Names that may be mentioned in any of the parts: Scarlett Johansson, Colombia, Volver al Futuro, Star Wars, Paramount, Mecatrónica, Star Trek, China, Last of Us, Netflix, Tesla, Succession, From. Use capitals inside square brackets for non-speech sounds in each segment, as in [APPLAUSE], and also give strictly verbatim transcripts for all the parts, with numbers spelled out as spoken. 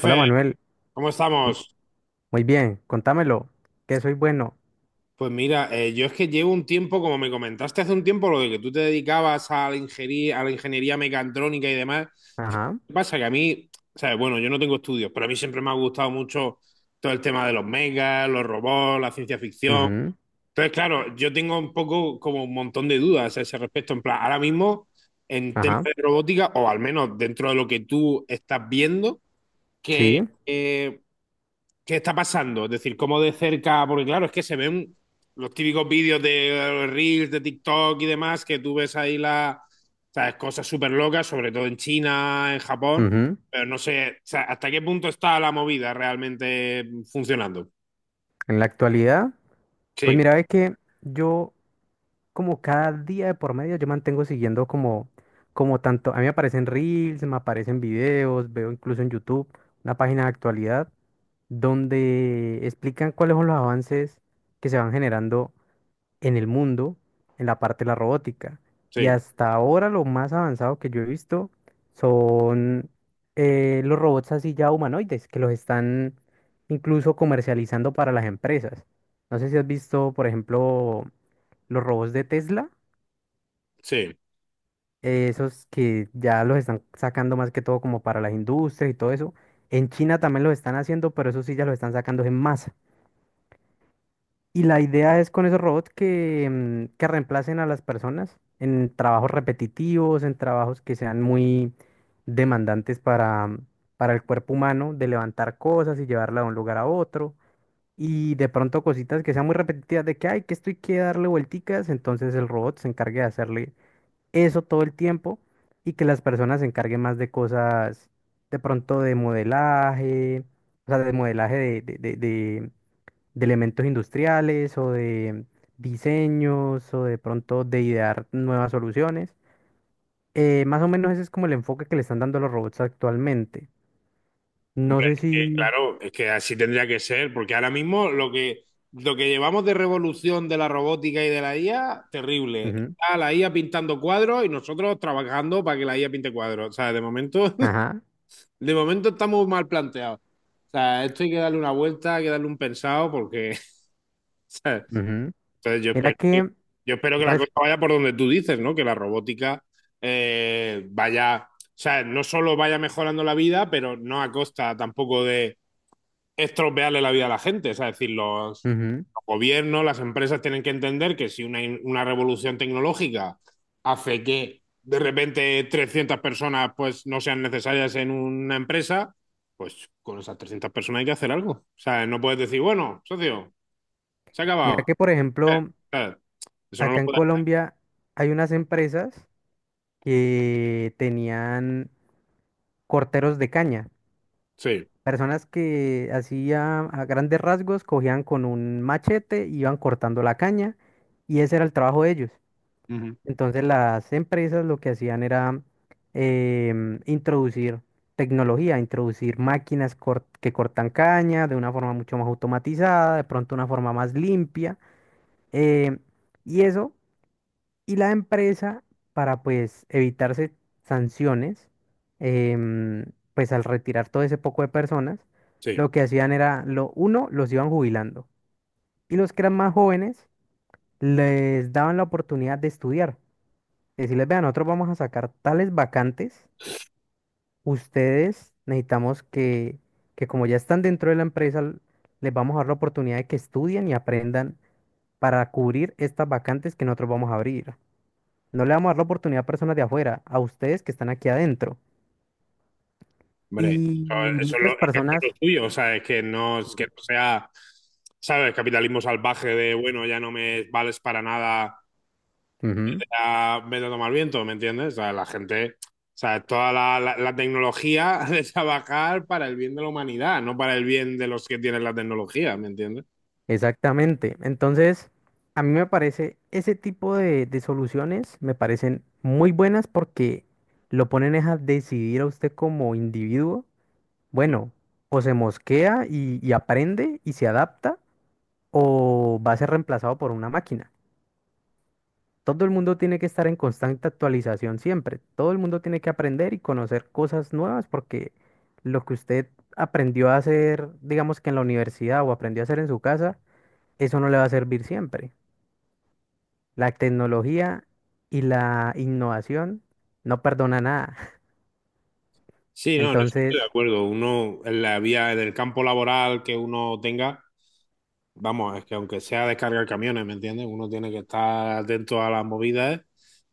Hola Manuel. ¿cómo Mm. estamos? Muy bien, contámelo, que soy bueno. Pues mira, eh, yo es que llevo un tiempo, como me comentaste hace un tiempo, lo de que tú te dedicabas a la ingeniería, a la ingeniería mecatrónica y demás. Ajá. ¿Qué pasa? Que a mí, sabes, bueno, yo no tengo estudios, pero a mí siempre me ha gustado mucho todo el tema de los megas, los robots, la ciencia ficción. Ujú. Entonces, claro, yo tengo un poco como un montón de dudas a ese respecto. En plan, ahora mismo, en temas Ajá. de robótica, o al menos dentro de lo que tú estás viendo, que Sí. ¿qué está pasando? Es decir, cómo de cerca, porque claro, es que se ven los típicos vídeos de Reels, de TikTok y demás, que tú ves ahí las ¿sabes?, cosas súper locas, sobre todo en China, en Japón, Ujú. pero no sé, o sea, hasta qué punto está la movida realmente funcionando. En la actualidad, pues Sí, mira, ve que yo, como cada día de por medio, yo mantengo siguiendo como, como tanto. A mí me aparecen reels, me aparecen videos, veo incluso en YouTube una página de actualidad donde explican cuáles son los avances que se van generando en el mundo en la parte de la robótica. Y sí, hasta ahora lo más avanzado que yo he visto son eh, los robots así ya humanoides, que los están incluso comercializando para las empresas. No sé si has visto, por ejemplo, los robots de Tesla, sí. eh, esos que ya los están sacando más que todo como para las industrias y todo eso. En China también los están haciendo, pero eso sí ya los están sacando en masa. Y la idea es con esos robots que, mm, que reemplacen a las personas en trabajos repetitivos, en trabajos que sean muy demandantes para, mm, para el cuerpo humano, de levantar cosas y llevarla de un lugar a otro. Y de pronto cositas que sean muy repetitivas de que, ay, que estoy que darle vuelticas, entonces el robot se encargue de hacerle eso todo el tiempo y que las personas se encarguen más de cosas de pronto de modelaje, o sea, de modelaje de, de, de, de elementos industriales o de diseños o de pronto de idear nuevas soluciones. Eh, más o menos ese es como el enfoque que le están dando a los robots actualmente. No Hombre, es sé si... que, claro, es que así tendría que ser, porque ahora mismo lo que, lo que llevamos de revolución de la robótica y de la I A, terrible. Ujú. Está la I A pintando cuadros y nosotros trabajando para que la I A pinte cuadros. O sea, de momento, [LAUGHS] Ajá. de momento estamos mal planteados. O sea, esto hay que darle una vuelta, hay que darle un pensado, porque, [LAUGHS] ¿sabes? Ujú. Entonces yo Mira espero, que- que... yo espero que la res- cosa vaya por donde tú dices, ¿no? Que la robótica eh, vaya, o sea, no solo vaya mejorando la vida, pero no a costa tampoco de estropearle la vida a la gente. Es decir, los, Ujú. los gobiernos, las empresas tienen que entender que si una, una revolución tecnológica hace que de repente trescientas personas pues no sean necesarias en una empresa, pues con esas trescientas personas hay que hacer algo. O sea, no puedes decir, bueno, socio, se ha Mira acabado. que, por Eh, ejemplo, eh, eso no lo acá en puedes. Colombia hay unas empresas que tenían corteros de caña. Sí, Personas que, así a grandes rasgos, cogían con un machete, iban cortando la caña y ese era el trabajo de ellos. ujú, Entonces las empresas lo que hacían era em, introducir tecnología, introducir máquinas cort- que cortan caña de una forma mucho más automatizada, de pronto una forma más limpia. em, y eso, y la empresa, para pues evitarse sanciones, em, pues al retirar todo ese poco de personas, sí, lo que hacían era, lo uno, los iban jubilando. Y los que eran más jóvenes, les daban la oportunidad de estudiar. Decirles, vean, nosotros vamos a sacar tales vacantes, ustedes necesitamos que, que como ya están dentro de la empresa, l- les vamos a dar la oportunidad de que estudien y aprendan para cubrir estas vacantes que nosotros vamos a abrir. No le vamos a dar la oportunidad a personas de afuera, a ustedes que están aquí adentro. hombre. Eso, Y eso es lo, muchas es que eso es lo personas... tuyo, o sea, es que no, es que Ujú. no sea, ¿sabes? Capitalismo salvaje de, bueno, ya no me vales para nada Ujú. sea, me lo a al viento, ¿me entiendes? O sea, la gente, o sea, toda la, la- la tecnología [LAUGHS] de trabajar para el bien de la humanidad, no para el bien de los que tienen la tecnología, ¿me entiendes? Exactamente. Entonces, a mí me parece, ese tipo de, de soluciones me parecen muy buenas porque lo ponen es a decidir a usted como individuo. Bueno, o se mosquea y, y aprende y se adapta o va a ser reemplazado por una máquina. Todo el mundo tiene que estar en constante actualización siempre. Todo el mundo tiene que aprender y conocer cosas nuevas porque lo que usted aprendió a hacer, digamos que en la universidad, o aprendió a hacer en su casa, eso no le va a servir siempre. La tecnología y la innovación no perdona nada. [LAUGHS] Sí, no, en eso estoy de Entonces... acuerdo. Uno, en la vía, en el campo laboral que uno tenga, vamos, es que aunque sea descargar camiones, ¿me entiendes? Uno tiene que estar atento a las movidas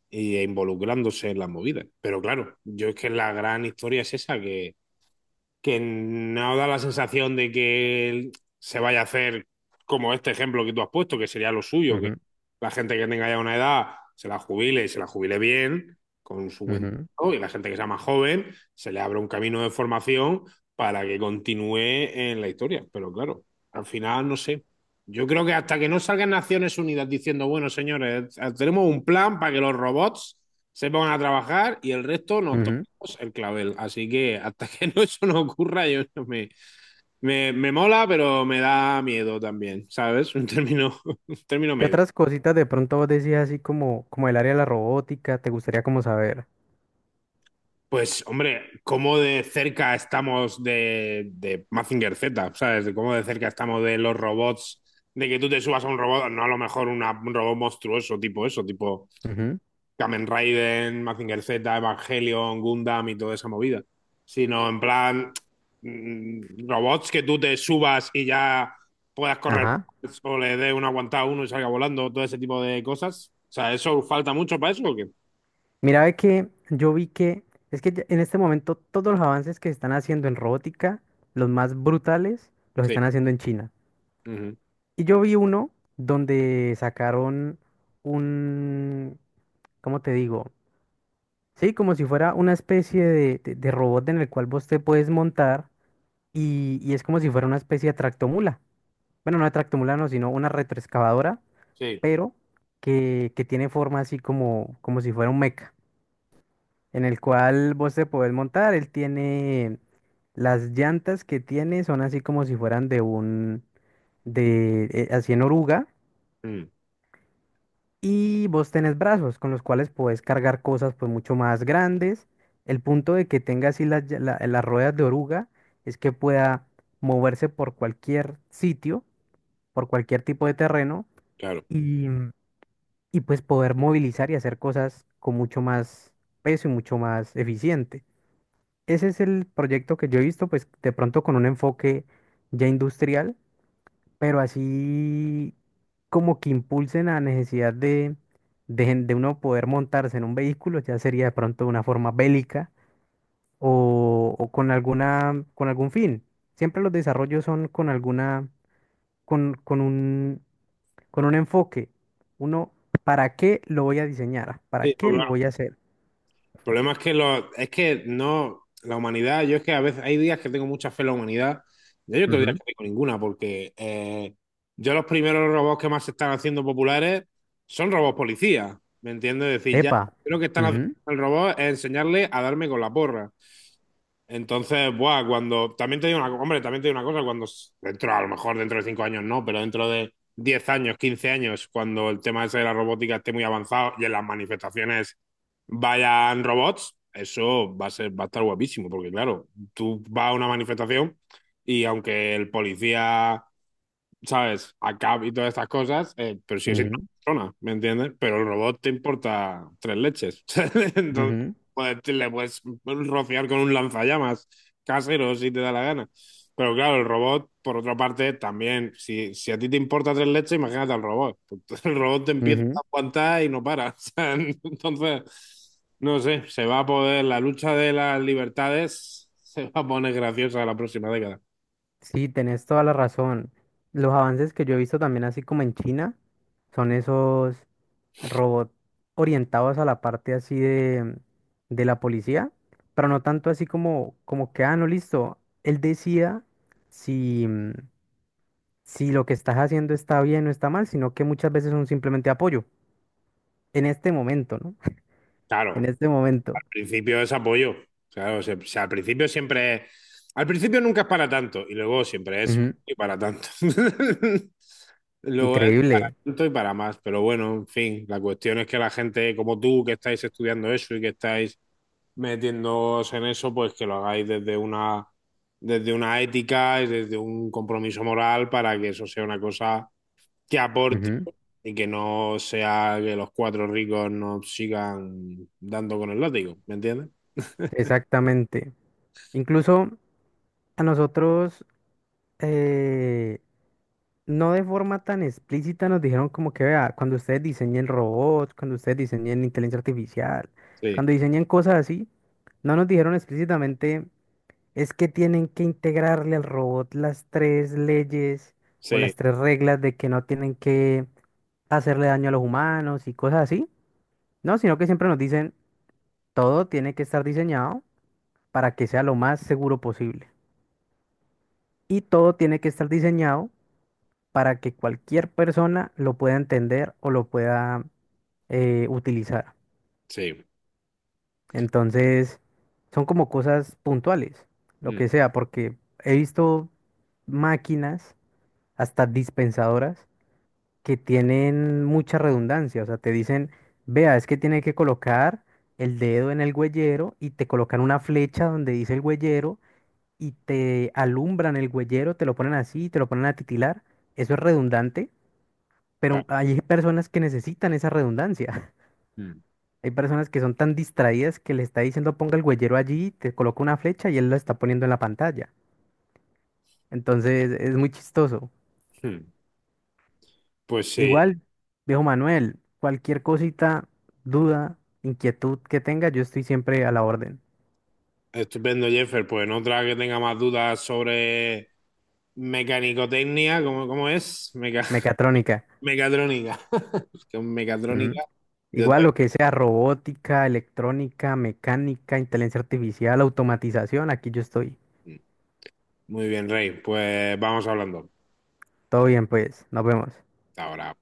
y e involucrándose en las movidas. Pero claro, yo es que la gran historia es esa que que no da la sensación de que se vaya a hacer como este ejemplo que tú has puesto, que sería lo suyo, que Ujú. la gente que tenga ya una edad se la jubile y se la jubile bien, con su buen Ujú. trabajo, y la gente que sea más joven se le abra un camino de formación para que continúe en la historia. Pero claro, al final no sé. Yo creo que hasta que no salgan Naciones Unidas diciendo, bueno, señores, tenemos un plan para que los robots se pongan a trabajar y el resto nos Ujú. el clavel. Así que hasta [LAUGHS] que no eso no ocurra, yo no me, me, me mola, pero me da miedo también, ¿sabes? Un término, [LAUGHS] un término ¿Qué medio. otras cositas de pronto vos decías así como, como el área de la robótica? ¿Te gustaría como saber? Pues, hombre, cómo de cerca estamos de, de Mazinger Z, ¿sabes? De cómo de cerca estamos de los robots, de que tú te subas a un robot, no a lo mejor una- un robot monstruoso, tipo eso, tipo Ujú. Kamen Raiden, Mazinger Z, Evangelion, Gundam y toda esa movida. Sino en plan mm, robots que tú te subas y ya puedas correr Ajá. o le dé una aguantada a uno y salga volando, todo ese tipo de cosas. O sea, ¿eso falta mucho para eso o qué? Mira, ve que yo vi que es que ya- en este momento todos los avances que se están haciendo en robótica, los más brutales, los Sí. están haciendo en China. Ujú. Y yo vi uno donde sacaron un, ¿cómo te digo? Sí, como si fuera una especie de, de- de robot en el cual vos te puedes montar y, y es como si fuera una especie de tractomula. Bueno, no de tractomula, no, sino una retroexcavadora, Sí. pero que, que tiene forma así como, como si fuera un mecha. En el cual vos te podés montar. Él tiene las llantas que tiene, son así como si fueran de un, de, eh, así en oruga. Mm, Y vos tenés brazos con los cuales podés cargar cosas pues mucho más grandes. El punto de que tenga así las, lla- la- las ruedas de oruga es que pueda moverse por cualquier sitio, por cualquier tipo de terreno claro. y, y pues poder movilizar y hacer cosas con mucho más peso y mucho más eficiente. Ese es el proyecto que yo he visto, pues de pronto con un enfoque ya industrial, pero así como que impulsen la necesidad de, de, gen- de uno poder montarse en un vehículo, ya sería de pronto de una forma bélica o, o con alguna, con algún fin. Siempre los desarrollos son con alguna, con, con un, con un enfoque. Uno, ¿para qué lo voy a diseñar? ¿Para Sí, no, qué lo claro. voy a hacer? El problema es que, lo, es que no, la humanidad, yo es que a veces hay días que tengo mucha fe en la humanidad y hay otros días que Ujú. no tengo ninguna, porque eh, yo los primeros robots que más se están haciendo populares son robots policías, ¿me entiendes? Es decir, ya Epa. lo que están haciendo Ujú. el robot es enseñarle a darme con la porra. Entonces, buah, cuando. También te digo una, co- hombre, también te digo una cosa, cuando s- dentro, a lo mejor dentro de cinco años no, pero dentro de diez años, quince años, cuando el tema ese de la robótica esté muy avanzado y en las manifestaciones vayan robots, eso va a ser, va a estar guapísimo, porque claro, tú vas a una manifestación y aunque el policía ¿sabes? Acá y todas estas cosas, eh, pero si es una Ujú. persona, ¿me entiendes? Pero el robot te importa tres leches. [LAUGHS] Entonces, Ujú. pues, te- le puedes rociar con un lanzallamas casero si te da la gana. Pero claro, el robot, por otra parte, también, si, si a ti te importa tres leches, imagínate al robot. [LAUGHS] El robot te empieza a Ujú. aguantar y no para. [LAUGHS] O sea, entonces, no sé, se va a poder, la lucha de las libertades se va a poner graciosa la próxima década. Sí, tenés toda la razón. Los avances que yo he visto también así como en China son esos robots orientados a la parte así de, de la policía, pero no tanto así como, como que, ah, no, listo, él decida si, mm, si lo que estás haciendo está bien o está mal, sino que muchas veces son simplemente apoyo, en este momento, ¿no? [LAUGHS] En Claro, este momento. principio es apoyo. Claro, o o sea, al principio siempre es. Al principio nunca es para tanto y luego siempre es Ujú. y para tanto. [LAUGHS] Luego es para Increíble. tanto y para más. Pero bueno, en fin, la cuestión es que la gente como tú que estáis estudiando eso y que estáis metiéndoos en eso, pues que lo hagáis desde una, desde una ética y desde un compromiso moral para que eso sea una cosa que aporte Ujú. y que no sea que los cuatro ricos nos sigan dando con el látigo. ¿Me entiendes? Exactamente. Incluso a nosotros... eh, no de forma tan explícita nos dijeron como que, vea, cuando ustedes diseñen robots, cuando ustedes diseñen inteligencia artificial, Sí. cuando diseñen cosas así, no nos dijeron explícitamente, es que tienen que integrarle al robot las tres leyes o las Sí, tres reglas de que no tienen que hacerle daño a los humanos y cosas así, no, sino que siempre nos dicen, todo tiene que estar diseñado para que sea lo más seguro posible. Y todo tiene que estar diseñado para que cualquier persona lo pueda entender o lo pueda eh, utilizar. sí. Entonces, son como cosas puntuales, lo Mm, que sea, porque he visto máquinas, hasta dispensadoras, que tienen mucha redundancia. O sea, te dicen, vea, es que tiene que colocar el dedo en el huellero y te colocan una flecha donde dice el huellero y te alumbran el huellero, te lo ponen así, te lo ponen a titilar. Eso es redundante. ta- Pero hay personas que necesitan esa redundancia. [LAUGHS] mm, Hay personas que son tan distraídas que le está diciendo ponga el huellero allí, te coloca una flecha y él la está poniendo en la pantalla. Entonces es muy chistoso. mm. Pues sí, Igual, viejo Manuel, cualquier cosita, duda, inquietud que tenga, yo estoy siempre a la orden. estupendo, Jeffer. Pues en otra que tenga más dudas sobre mecanicotecnia, ¿cómo, cómo es? Meca- Mecatrónica. [LAUGHS] mecatrónica. [LAUGHS] Con Ujú. mecatrónica. Yo Igual también. lo que sea robótica, electrónica, mecánica, inteligencia artificial, automatización, aquí yo estoy. Mm, muy bien, Rey. Pues vamos hablando. Todo bien, pues, nos vemos. Hasta ahora.